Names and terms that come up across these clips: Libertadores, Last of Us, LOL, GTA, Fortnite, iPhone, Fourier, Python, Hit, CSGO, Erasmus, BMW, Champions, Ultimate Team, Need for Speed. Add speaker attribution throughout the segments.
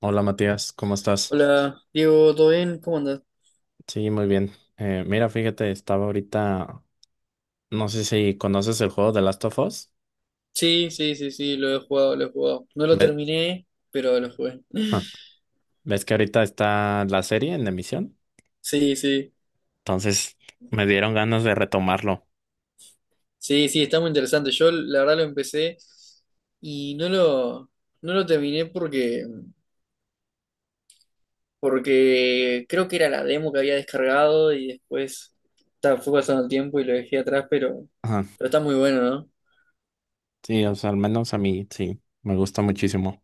Speaker 1: Hola Matías, ¿cómo estás?
Speaker 2: Hola, Diego, ¿todo bien? ¿Cómo andas?
Speaker 1: Sí, muy bien. Mira, fíjate, estaba ahorita, no sé si conoces el juego de Last of Us.
Speaker 2: Sí, sí, sí, sí, lo he jugado, lo he jugado. No lo
Speaker 1: Ve-
Speaker 2: terminé, pero lo jugué.
Speaker 1: ah, ¿ves que ahorita está la serie en emisión?
Speaker 2: Sí, sí,
Speaker 1: Entonces me dieron ganas de retomarlo.
Speaker 2: sí, sí, está muy interesante. Yo la verdad lo empecé y no lo terminé porque creo que era la demo que había descargado y después ta, fue pasando el tiempo y lo dejé atrás,
Speaker 1: Ajá.
Speaker 2: pero está muy bueno, ¿no?
Speaker 1: Sí, o sea, al menos a mí sí, me gusta muchísimo.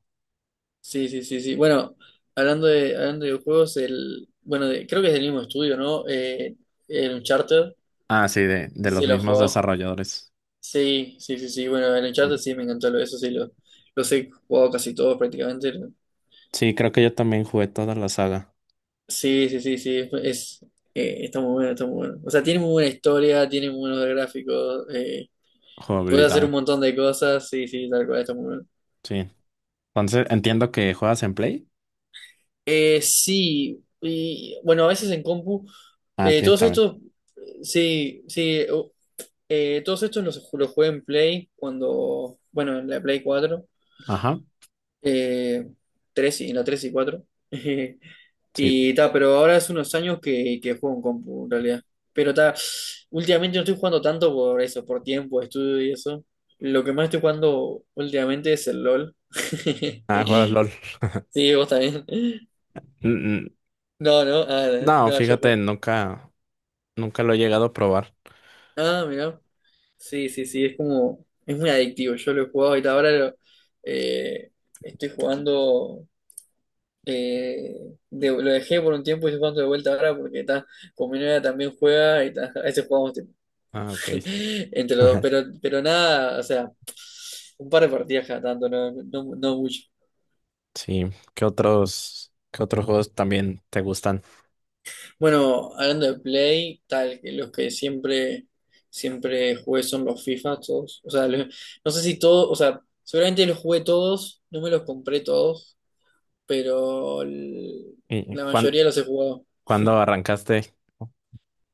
Speaker 2: Sí, sí, sí, sí. Bueno, hablando de videojuegos, creo que es del mismo estudio, ¿no? El Uncharted,
Speaker 1: Ah, sí, de,
Speaker 2: no
Speaker 1: de
Speaker 2: sé
Speaker 1: los
Speaker 2: si lo has
Speaker 1: mismos
Speaker 2: jugado.
Speaker 1: desarrolladores.
Speaker 2: Sí, sí, sí, sí. Bueno, en el chat
Speaker 1: Sí,
Speaker 2: sí me encantó los he jugado casi todos prácticamente.
Speaker 1: sí, creo que yo también jugué toda la saga.
Speaker 2: Sí, sí, sí, sí. Está muy bueno, está muy bueno. O sea, tiene muy buena historia, tiene muy buenos gráficos, puede hacer un
Speaker 1: Jugabilidad,
Speaker 2: montón de cosas. Sí, sí, tal cual, está muy bueno.
Speaker 1: sí. Entonces entiendo que juegas en Play.
Speaker 2: Sí, y bueno, a veces en compu.
Speaker 1: Ah,
Speaker 2: eh,
Speaker 1: tienes
Speaker 2: todos
Speaker 1: también.
Speaker 2: estos, sí, sí, o- todos estos los, ju- los jugué en Play cuando, bueno, en la Play cuatro,
Speaker 1: Ajá,
Speaker 2: eh, 3 y en la 3 y cuatro.
Speaker 1: sí.
Speaker 2: Y ta, pero ahora hace unos años que juego en compu, en realidad. Pero ta, últimamente no estoy jugando tanto por eso, por tiempo, estudio y eso. Lo que más estoy jugando últimamente es el LOL.
Speaker 1: Ah, juegas LOL.
Speaker 2: Sí, vos también. No, no,
Speaker 1: No,
Speaker 2: no, yo
Speaker 1: fíjate,
Speaker 2: juego.
Speaker 1: nunca lo he llegado a probar.
Speaker 2: Ah, mira. Sí, sí, sí, es como, es muy adictivo. Yo lo he jugado y ta, eh, estoy jugando, eh, lo dejé por un tiempo y estoy jugando de vuelta ahora porque ta, con mi novia también juega y ta, a veces jugamos
Speaker 1: Ah, ok.
Speaker 2: entre los dos, pero nada, o sea, un par de partidas cada tanto, no, no, no mucho.
Speaker 1: Sí, ¿qué otros juegos también te gustan?
Speaker 2: Bueno, hablando de Play, tal, que los que siempre jugué son los FIFA, todos. O sea, no sé si todos, o sea, seguramente los jugué todos, no me los compré todos, pero el-
Speaker 1: ¿Y
Speaker 2: la mayoría los he jugado.
Speaker 1: cuándo arrancaste?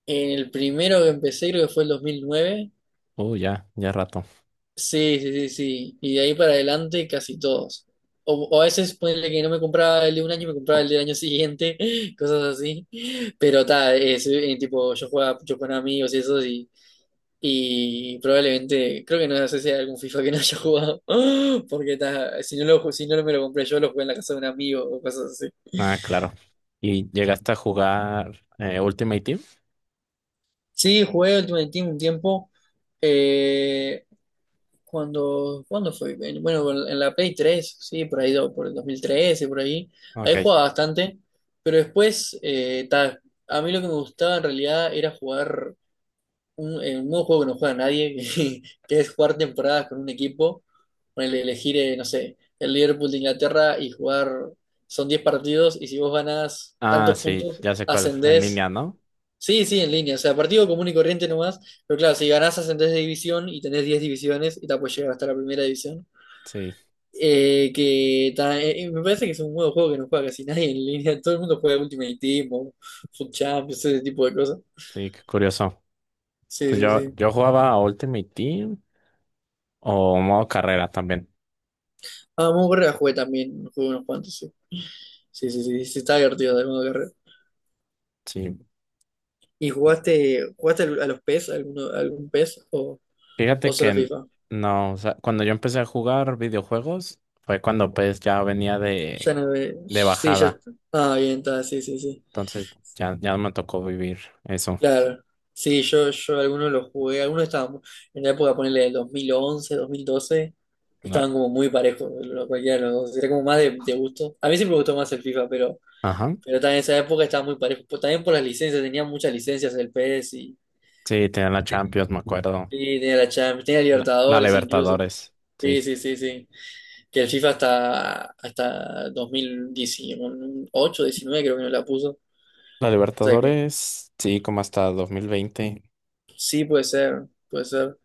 Speaker 2: En el primero que empecé creo que fue el 2009.
Speaker 1: Ya, ya rato.
Speaker 2: Sí, sí, sí, sí. Y de ahí para adelante casi todos. O a veces ponele que no me compraba el de un año, me compraba el del año siguiente, cosas así. Pero tal, es tipo, yo jugaba mucho con amigos y eso, y probablemente, creo que no sé si hay algún FIFA que no haya jugado, porque ta, si no me lo compré yo, lo jugué en la casa de un amigo o cosas así.
Speaker 1: Ah, claro. ¿Y llegaste a jugar Ultimate Team?
Speaker 2: Sí, jugué Ultimate Team un tiempo, eh, ¿cuándo fue? Bueno, en la Play 3 sí, por ahí, por el 2013, por ahí. Ahí
Speaker 1: Ok.
Speaker 2: jugaba bastante, pero después, a mí lo que me gustaba en realidad era jugar un nuevo juego que no juega nadie, que es jugar temporadas con un equipo. Ponele, elegir, no sé, el Liverpool de Inglaterra y jugar, son 10 partidos, y si vos ganás
Speaker 1: Ah,
Speaker 2: tantos
Speaker 1: sí,
Speaker 2: puntos,
Speaker 1: ya sé cuál, en
Speaker 2: ascendés.
Speaker 1: línea, ¿no?
Speaker 2: Sí, sí, en línea. O sea, partido común y corriente nomás. Pero claro, si ganás ascendés de división y tenés 10 divisiones y te puedes llegar hasta la primera división.
Speaker 1: Sí,
Speaker 2: Me parece que es un nuevo juego que no juega casi nadie en línea. Todo el mundo juega Ultimate Team o Foot Champions, ese tipo de cosas.
Speaker 1: sí, qué curioso.
Speaker 2: Sí,
Speaker 1: Pues
Speaker 2: sí, sí.
Speaker 1: yo jugaba a Ultimate Team o modo carrera también.
Speaker 2: Ah, Modo Carrera jugué también. Jugué unos cuantos, sí. Sí, sí, sí. Sí, está divertido el modo carrera.
Speaker 1: Sí.
Speaker 2: ¿Y jugaste a los PES? Algún PES? O
Speaker 1: Fíjate que
Speaker 2: solo FIFA?
Speaker 1: no, o sea, cuando yo empecé a jugar videojuegos fue cuando pues ya venía
Speaker 2: Ya no ve-
Speaker 1: de
Speaker 2: Sí, ya.
Speaker 1: bajada,
Speaker 2: Ah, bien, está. Sí, sí, sí.
Speaker 1: entonces ya me tocó vivir eso.
Speaker 2: Claro, sí, yo algunos los jugué, algunos estaban en la época, ponerle del 2011, 2012
Speaker 1: La-
Speaker 2: estaban como muy parejos, cualquiera de los dos, era como más de gusto. A mí siempre me gustó más el FIFA,
Speaker 1: Ajá.
Speaker 2: pero también en esa época estaba muy parejo, también por las licencias, tenía muchas licencias el PS
Speaker 1: Sí, tenía la Champions, me acuerdo.
Speaker 2: y sí, tenía la Champions, tenía
Speaker 1: La
Speaker 2: Libertadores incluso.
Speaker 1: Libertadores, sí.
Speaker 2: Sí, sí, sí, sí, que el FIFA hasta 2018, 19, creo que no la puso,
Speaker 1: La
Speaker 2: o sea que
Speaker 1: Libertadores, sí, como hasta 2020.
Speaker 2: sí puede ser, puede ser.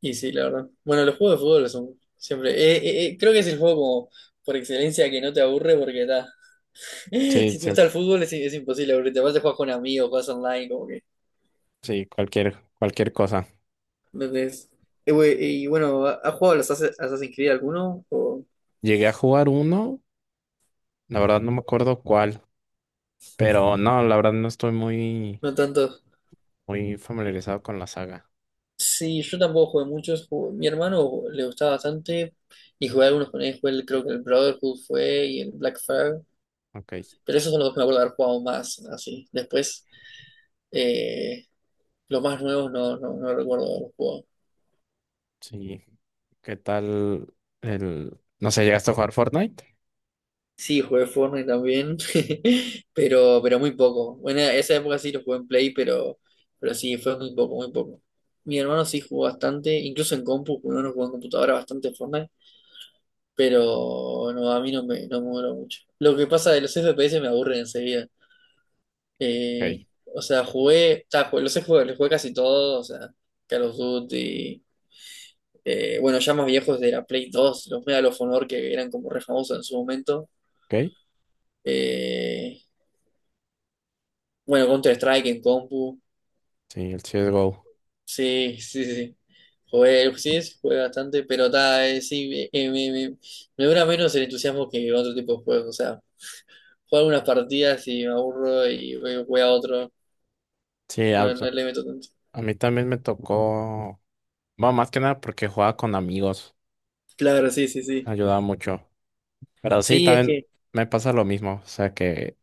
Speaker 2: Y sí, la verdad. Bueno, los juegos de fútbol son siempre. Creo que es el juego como por excelencia que no te aburre porque está.
Speaker 1: Sí,
Speaker 2: Si te
Speaker 1: sí,
Speaker 2: gusta el fútbol es imposible aburrirte. Aparte, juegas con amigos, juegas online, como que.
Speaker 1: sí, cualquier, cualquier cosa.
Speaker 2: Entonces güey, y bueno, has jugado a los Assassin's Creed alguno? ¿O
Speaker 1: Llegué a jugar uno, la verdad no me acuerdo cuál, pero no, la verdad no estoy muy,
Speaker 2: no tanto?
Speaker 1: muy familiarizado con la saga.
Speaker 2: Sí, yo tampoco jugué muchos. Mi hermano le gustaba bastante y jugué algunos con él. Jugué creo que el Brotherhood fue, y el Black Flag.
Speaker 1: Ok.
Speaker 2: Pero esos son los dos que me acuerdo de haber jugado más, así. Después, eh, los más nuevos no recuerdo los juegos.
Speaker 1: Sí. ¿Qué tal el... No sé, ¿Llegaste a jugar Fortnite?
Speaker 2: Sí, jugué Fortnite también, pero muy poco. Bueno, esa época sí lo jugué en Play, pero sí, fue muy poco, muy poco. Mi hermano sí jugó bastante, incluso en compu, porque uno jugó en computadora bastante Fortnite, pero no, a mí no me duró mucho. Lo que pasa, de los FPS, me aburren enseguida. Eh,
Speaker 1: Ok,
Speaker 2: o sea, los he jugado, los jugué casi todos, o sea, Call of Duty, bueno, ya más viejos de la Play 2, los Medal of Honor que eran como re famosos en su momento.
Speaker 1: ok.
Speaker 2: eh, Bueno, Counter-Strike en compu.
Speaker 1: Sí, el CSGO.
Speaker 2: Sí, sí, sí. Sí. Jugué, sí, sí, jugué bastante, pero ta, me dura menos el entusiasmo que otro tipo de juegos. O sea, juego algunas partidas y me aburro y voy a otro.
Speaker 1: Sí,
Speaker 2: No, no le meto tanto.
Speaker 1: a mí también me tocó. Bueno, más que nada porque jugaba con amigos.
Speaker 2: Claro, sí, sí, sí.
Speaker 1: Ayudaba mucho. Pero sí,
Speaker 2: Sí, es
Speaker 1: también
Speaker 2: que.
Speaker 1: me pasa lo mismo. O sea, que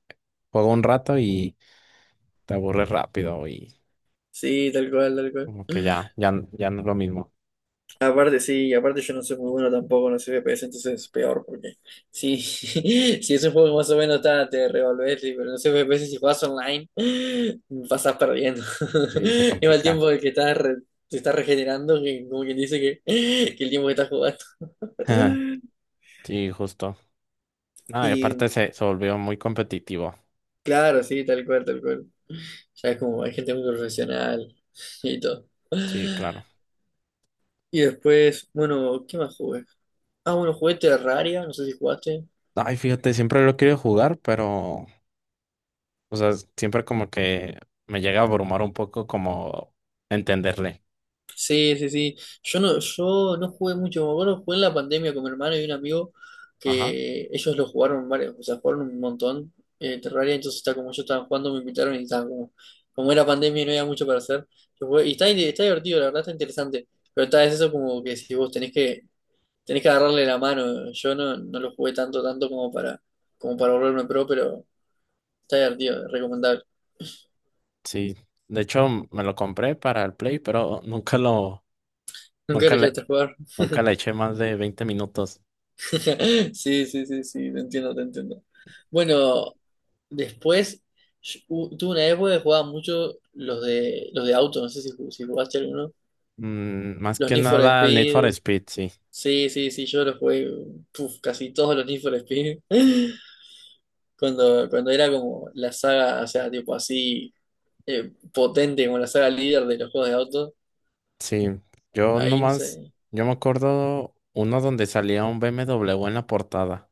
Speaker 1: juego un rato y te aburres rápido y
Speaker 2: Sí, tal cual, tal cual.
Speaker 1: como que ya, ya, ya no es lo mismo.
Speaker 2: Aparte, sí, aparte yo no soy muy bueno tampoco, no soy FPS, entonces es peor, porque sí, si es un juego que más o menos está, te revolves, sí, pero no soy FPS, si jugás online, pasás perdiendo.
Speaker 1: Sí, se
Speaker 2: Es el
Speaker 1: complica.
Speaker 2: tiempo que estás te estás regenerando, que como quien dice que, que el tiempo que estás jugando.
Speaker 1: Sí, justo. No, y
Speaker 2: Y
Speaker 1: aparte se volvió muy competitivo.
Speaker 2: claro, sí, tal cual, tal cual. Ya es como, hay gente muy profesional y todo.
Speaker 1: Sí, claro.
Speaker 2: Y después, bueno, ¿qué más jugué? Ah, bueno, jugué Terraria, no sé si jugaste.
Speaker 1: Ay, fíjate, siempre lo quiero jugar, pero o sea, siempre como que me llega a abrumar un poco como entenderle.
Speaker 2: Sí, sí, sí. Yo no jugué mucho. Me acuerdo, jugué en la pandemia con mi hermano y un amigo
Speaker 1: Ajá.
Speaker 2: que ellos lo jugaron varios, o sea, jugaron un montón, Terraria. Entonces, está como yo estaba jugando, me invitaron y estaba como, como era pandemia y no había mucho para hacer. Yo jugué- y está, está divertido, la verdad está interesante. Pero está, es eso como que si vos tenés que agarrarle la mano. Yo no lo jugué tanto, tanto como para volverme pro, pero está divertido, es recomendable.
Speaker 1: Sí. De hecho, me lo compré para el Play, pero
Speaker 2: Nunca
Speaker 1: nunca
Speaker 2: lo
Speaker 1: le,
Speaker 2: llegaste a jugar.
Speaker 1: nunca le eché más de 20 minutos.
Speaker 2: Sí, sí, sí, sí, te entiendo, te entiendo. Bueno. Después, yo- tuve una época que jugaba mucho los de auto, no sé si jugaste alguno.
Speaker 1: Más
Speaker 2: Los
Speaker 1: que
Speaker 2: Need for
Speaker 1: nada al Need for
Speaker 2: Speed.
Speaker 1: Speed, sí.
Speaker 2: Sí, sí, sí, yo los jugué, puf, casi todos los Need for Speed. Cuando era como la saga, o sea, tipo así, potente, como la saga líder de los juegos de auto.
Speaker 1: Sí. Yo
Speaker 2: Ahí no
Speaker 1: nomás,
Speaker 2: sé.
Speaker 1: yo me acuerdo uno donde salía un BMW en la portada.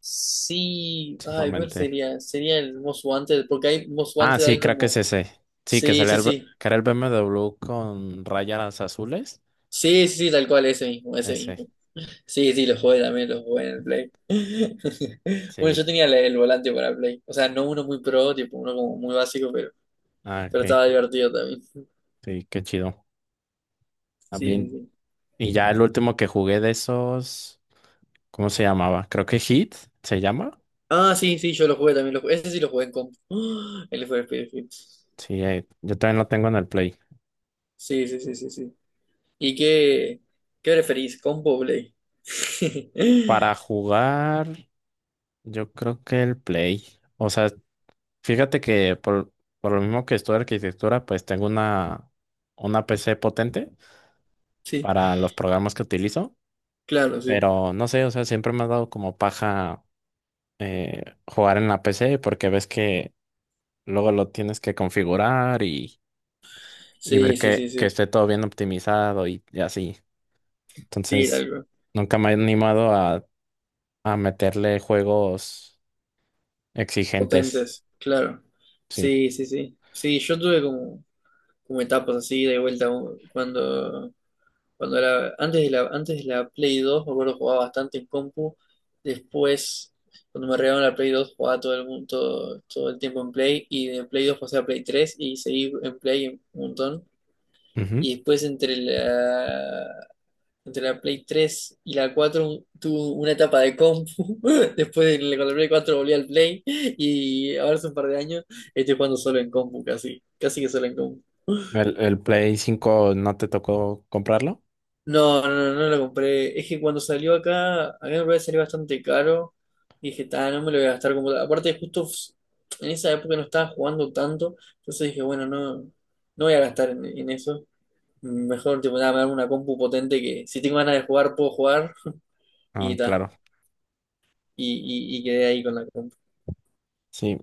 Speaker 2: Sí, ay, ¿cuál
Speaker 1: Solamente.
Speaker 2: sería? Sería el Most Wanted, porque hay Most
Speaker 1: Ah,
Speaker 2: Wanted,
Speaker 1: sí,
Speaker 2: hay
Speaker 1: creo que es
Speaker 2: como.
Speaker 1: ese. Sí, que
Speaker 2: Sí,
Speaker 1: salía
Speaker 2: sí, sí.
Speaker 1: que era el BMW con rayas azules.
Speaker 2: Sí, sí, sí, tal cual, ese mismo, ese
Speaker 1: Ese.
Speaker 2: mismo. Sí, sí, los jugué también, los jugué en el Play. Bueno,
Speaker 1: Sí.
Speaker 2: yo tenía el volante para Play. O sea, no uno muy pro, tipo uno como muy básico,
Speaker 1: Ah,
Speaker 2: pero
Speaker 1: ok.
Speaker 2: estaba divertido también.
Speaker 1: Sí, qué chido.
Speaker 2: Sí, sí,
Speaker 1: También.
Speaker 2: sí.
Speaker 1: Y ya el último que jugué de esos, ¿cómo se llamaba? Creo que Hit se llama.
Speaker 2: Ah, sí, sí, yo lo jugué también. Lo jugué. Ese sí lo jugué en comp. El fue Battlefield.
Speaker 1: Sí, yo también lo tengo en el Play.
Speaker 2: Sí, sí, sí, sí, sí. ¿Y qué preferís, compo o Play?
Speaker 1: Para jugar, yo creo que el Play. O sea, fíjate que por lo mismo que estudio arquitectura, pues tengo una PC potente
Speaker 2: Sí,
Speaker 1: para los programas que utilizo.
Speaker 2: claro, sí.
Speaker 1: Pero no sé, o sea, siempre me ha dado como paja jugar en la PC porque ves que luego lo tienes que configurar y ver
Speaker 2: Sí, sí, sí,
Speaker 1: que
Speaker 2: sí.
Speaker 1: esté todo bien optimizado y así.
Speaker 2: Sí,
Speaker 1: Entonces,
Speaker 2: algo.
Speaker 1: nunca me he animado a meterle juegos exigentes.
Speaker 2: Potentes, claro.
Speaker 1: Sí.
Speaker 2: Sí, sí, sí. Sí, yo tuve como etapas así de vuelta, cuando era antes de la Play dos, me acuerdo, jugaba bastante en compu. Después, cuando me regalaron la Play dos, jugaba todo el mundo, todo el tiempo en Play, y de Play 2 pasé a Play tres, y seguí en Play un montón,
Speaker 1: Ujú.
Speaker 2: y después entre la Play 3 y la 4 tuve una etapa de compu. Después de la, con la Play 4 volví al Play, y ahora hace un par de años estoy jugando solo en compu, casi casi que solo en compu.
Speaker 1: ¿El Play 5 no te tocó comprarlo?
Speaker 2: No, no, no lo compré. Es que cuando salió acá, a mí me parece salir bastante caro. Y dije, ah, no me lo voy a gastar como tal. Aparte, justo en esa época no estaba jugando tanto. Entonces dije, bueno, no, no voy a gastar en eso. Mejor, tipo, nada, me hago una compu potente, que si tengo ganas de jugar, puedo jugar. Y
Speaker 1: Ah,
Speaker 2: ta.
Speaker 1: claro.
Speaker 2: Y, y quedé ahí con la compu.
Speaker 1: Sí.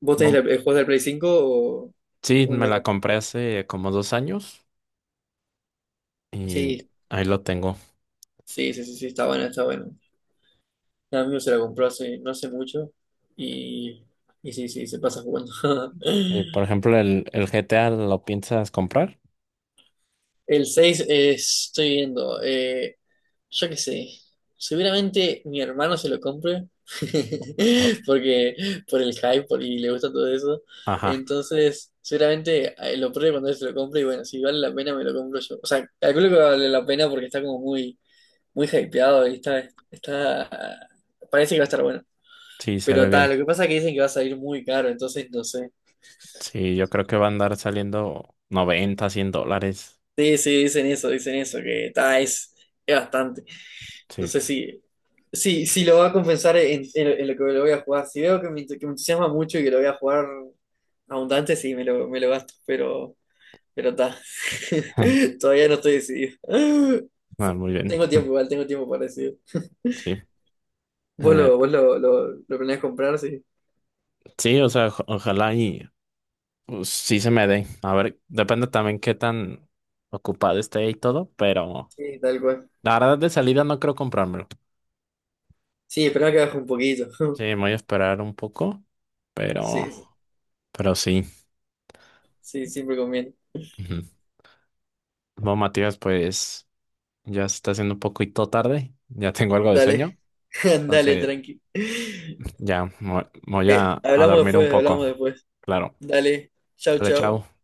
Speaker 2: ¿Vos tenés
Speaker 1: Bom-
Speaker 2: el juego del Play 5
Speaker 1: Sí,
Speaker 2: o en
Speaker 1: me
Speaker 2: la
Speaker 1: la
Speaker 2: compu?
Speaker 1: compré hace como 2 años y
Speaker 2: Sí,
Speaker 1: ahí lo tengo.
Speaker 2: sí, sí, sí, sí, está bueno, está bueno. Un amigo se la compró hace, no hace mucho, y, y sí, sí, se pasa jugando.
Speaker 1: Y por ejemplo, ¿el GTA lo piensas comprar?
Speaker 2: El 6 estoy viendo, yo qué sé, seguramente mi hermano se lo compre
Speaker 1: Ah.
Speaker 2: porque por el hype y le gusta todo eso.
Speaker 1: Ajá,
Speaker 2: Entonces, seguramente, lo pruebe cuando él se lo compre, y bueno, si vale la pena me lo compro yo. O sea, calculo que vale la pena porque está como muy, muy hypeado, y está, parece que va a estar bueno.
Speaker 1: sí, se ve
Speaker 2: Pero tal,
Speaker 1: bien.
Speaker 2: lo que pasa es que dicen que va a salir muy caro, entonces no sé.
Speaker 1: Sí, yo creo que va a andar saliendo 90 100 dólares.
Speaker 2: Sí, sí, dicen eso, que ta, es bastante. No
Speaker 1: Sí.
Speaker 2: sé si lo va a compensar en lo que lo voy a jugar. Si veo que me entusiasma mucho y que lo voy a jugar abundante, sí, me lo gasto, pero ta. Todavía no estoy decidido.
Speaker 1: Ah, muy bien.
Speaker 2: Tengo tiempo igual, tengo tiempo para decidir.
Speaker 1: Sí.
Speaker 2: ¿Vos
Speaker 1: Eh,
Speaker 2: lo planeás comprar? Sí,
Speaker 1: sí, o sea, ojalá y pues, sí se me dé. A ver, depende también qué tan ocupado esté y todo, pero
Speaker 2: sí, tal cual.
Speaker 1: la verdad de salida no creo comprármelo.
Speaker 2: Sí, esperá que baje un poquito.
Speaker 1: Sí, me voy a esperar un poco, pero,
Speaker 2: Sí, sí,
Speaker 1: pero sí.
Speaker 2: sí, siempre conviene.
Speaker 1: Ujú. Bueno, Matías, pues ya se está haciendo un poquito tarde, ya tengo algo de
Speaker 2: Dale.
Speaker 1: sueño,
Speaker 2: Dale,
Speaker 1: entonces
Speaker 2: tranqui.
Speaker 1: ya me voy a
Speaker 2: Hablamos
Speaker 1: dormir un
Speaker 2: después,
Speaker 1: poco.
Speaker 2: hablamos después.
Speaker 1: Claro.
Speaker 2: Dale, chau,
Speaker 1: Dale,
Speaker 2: chau.
Speaker 1: chao.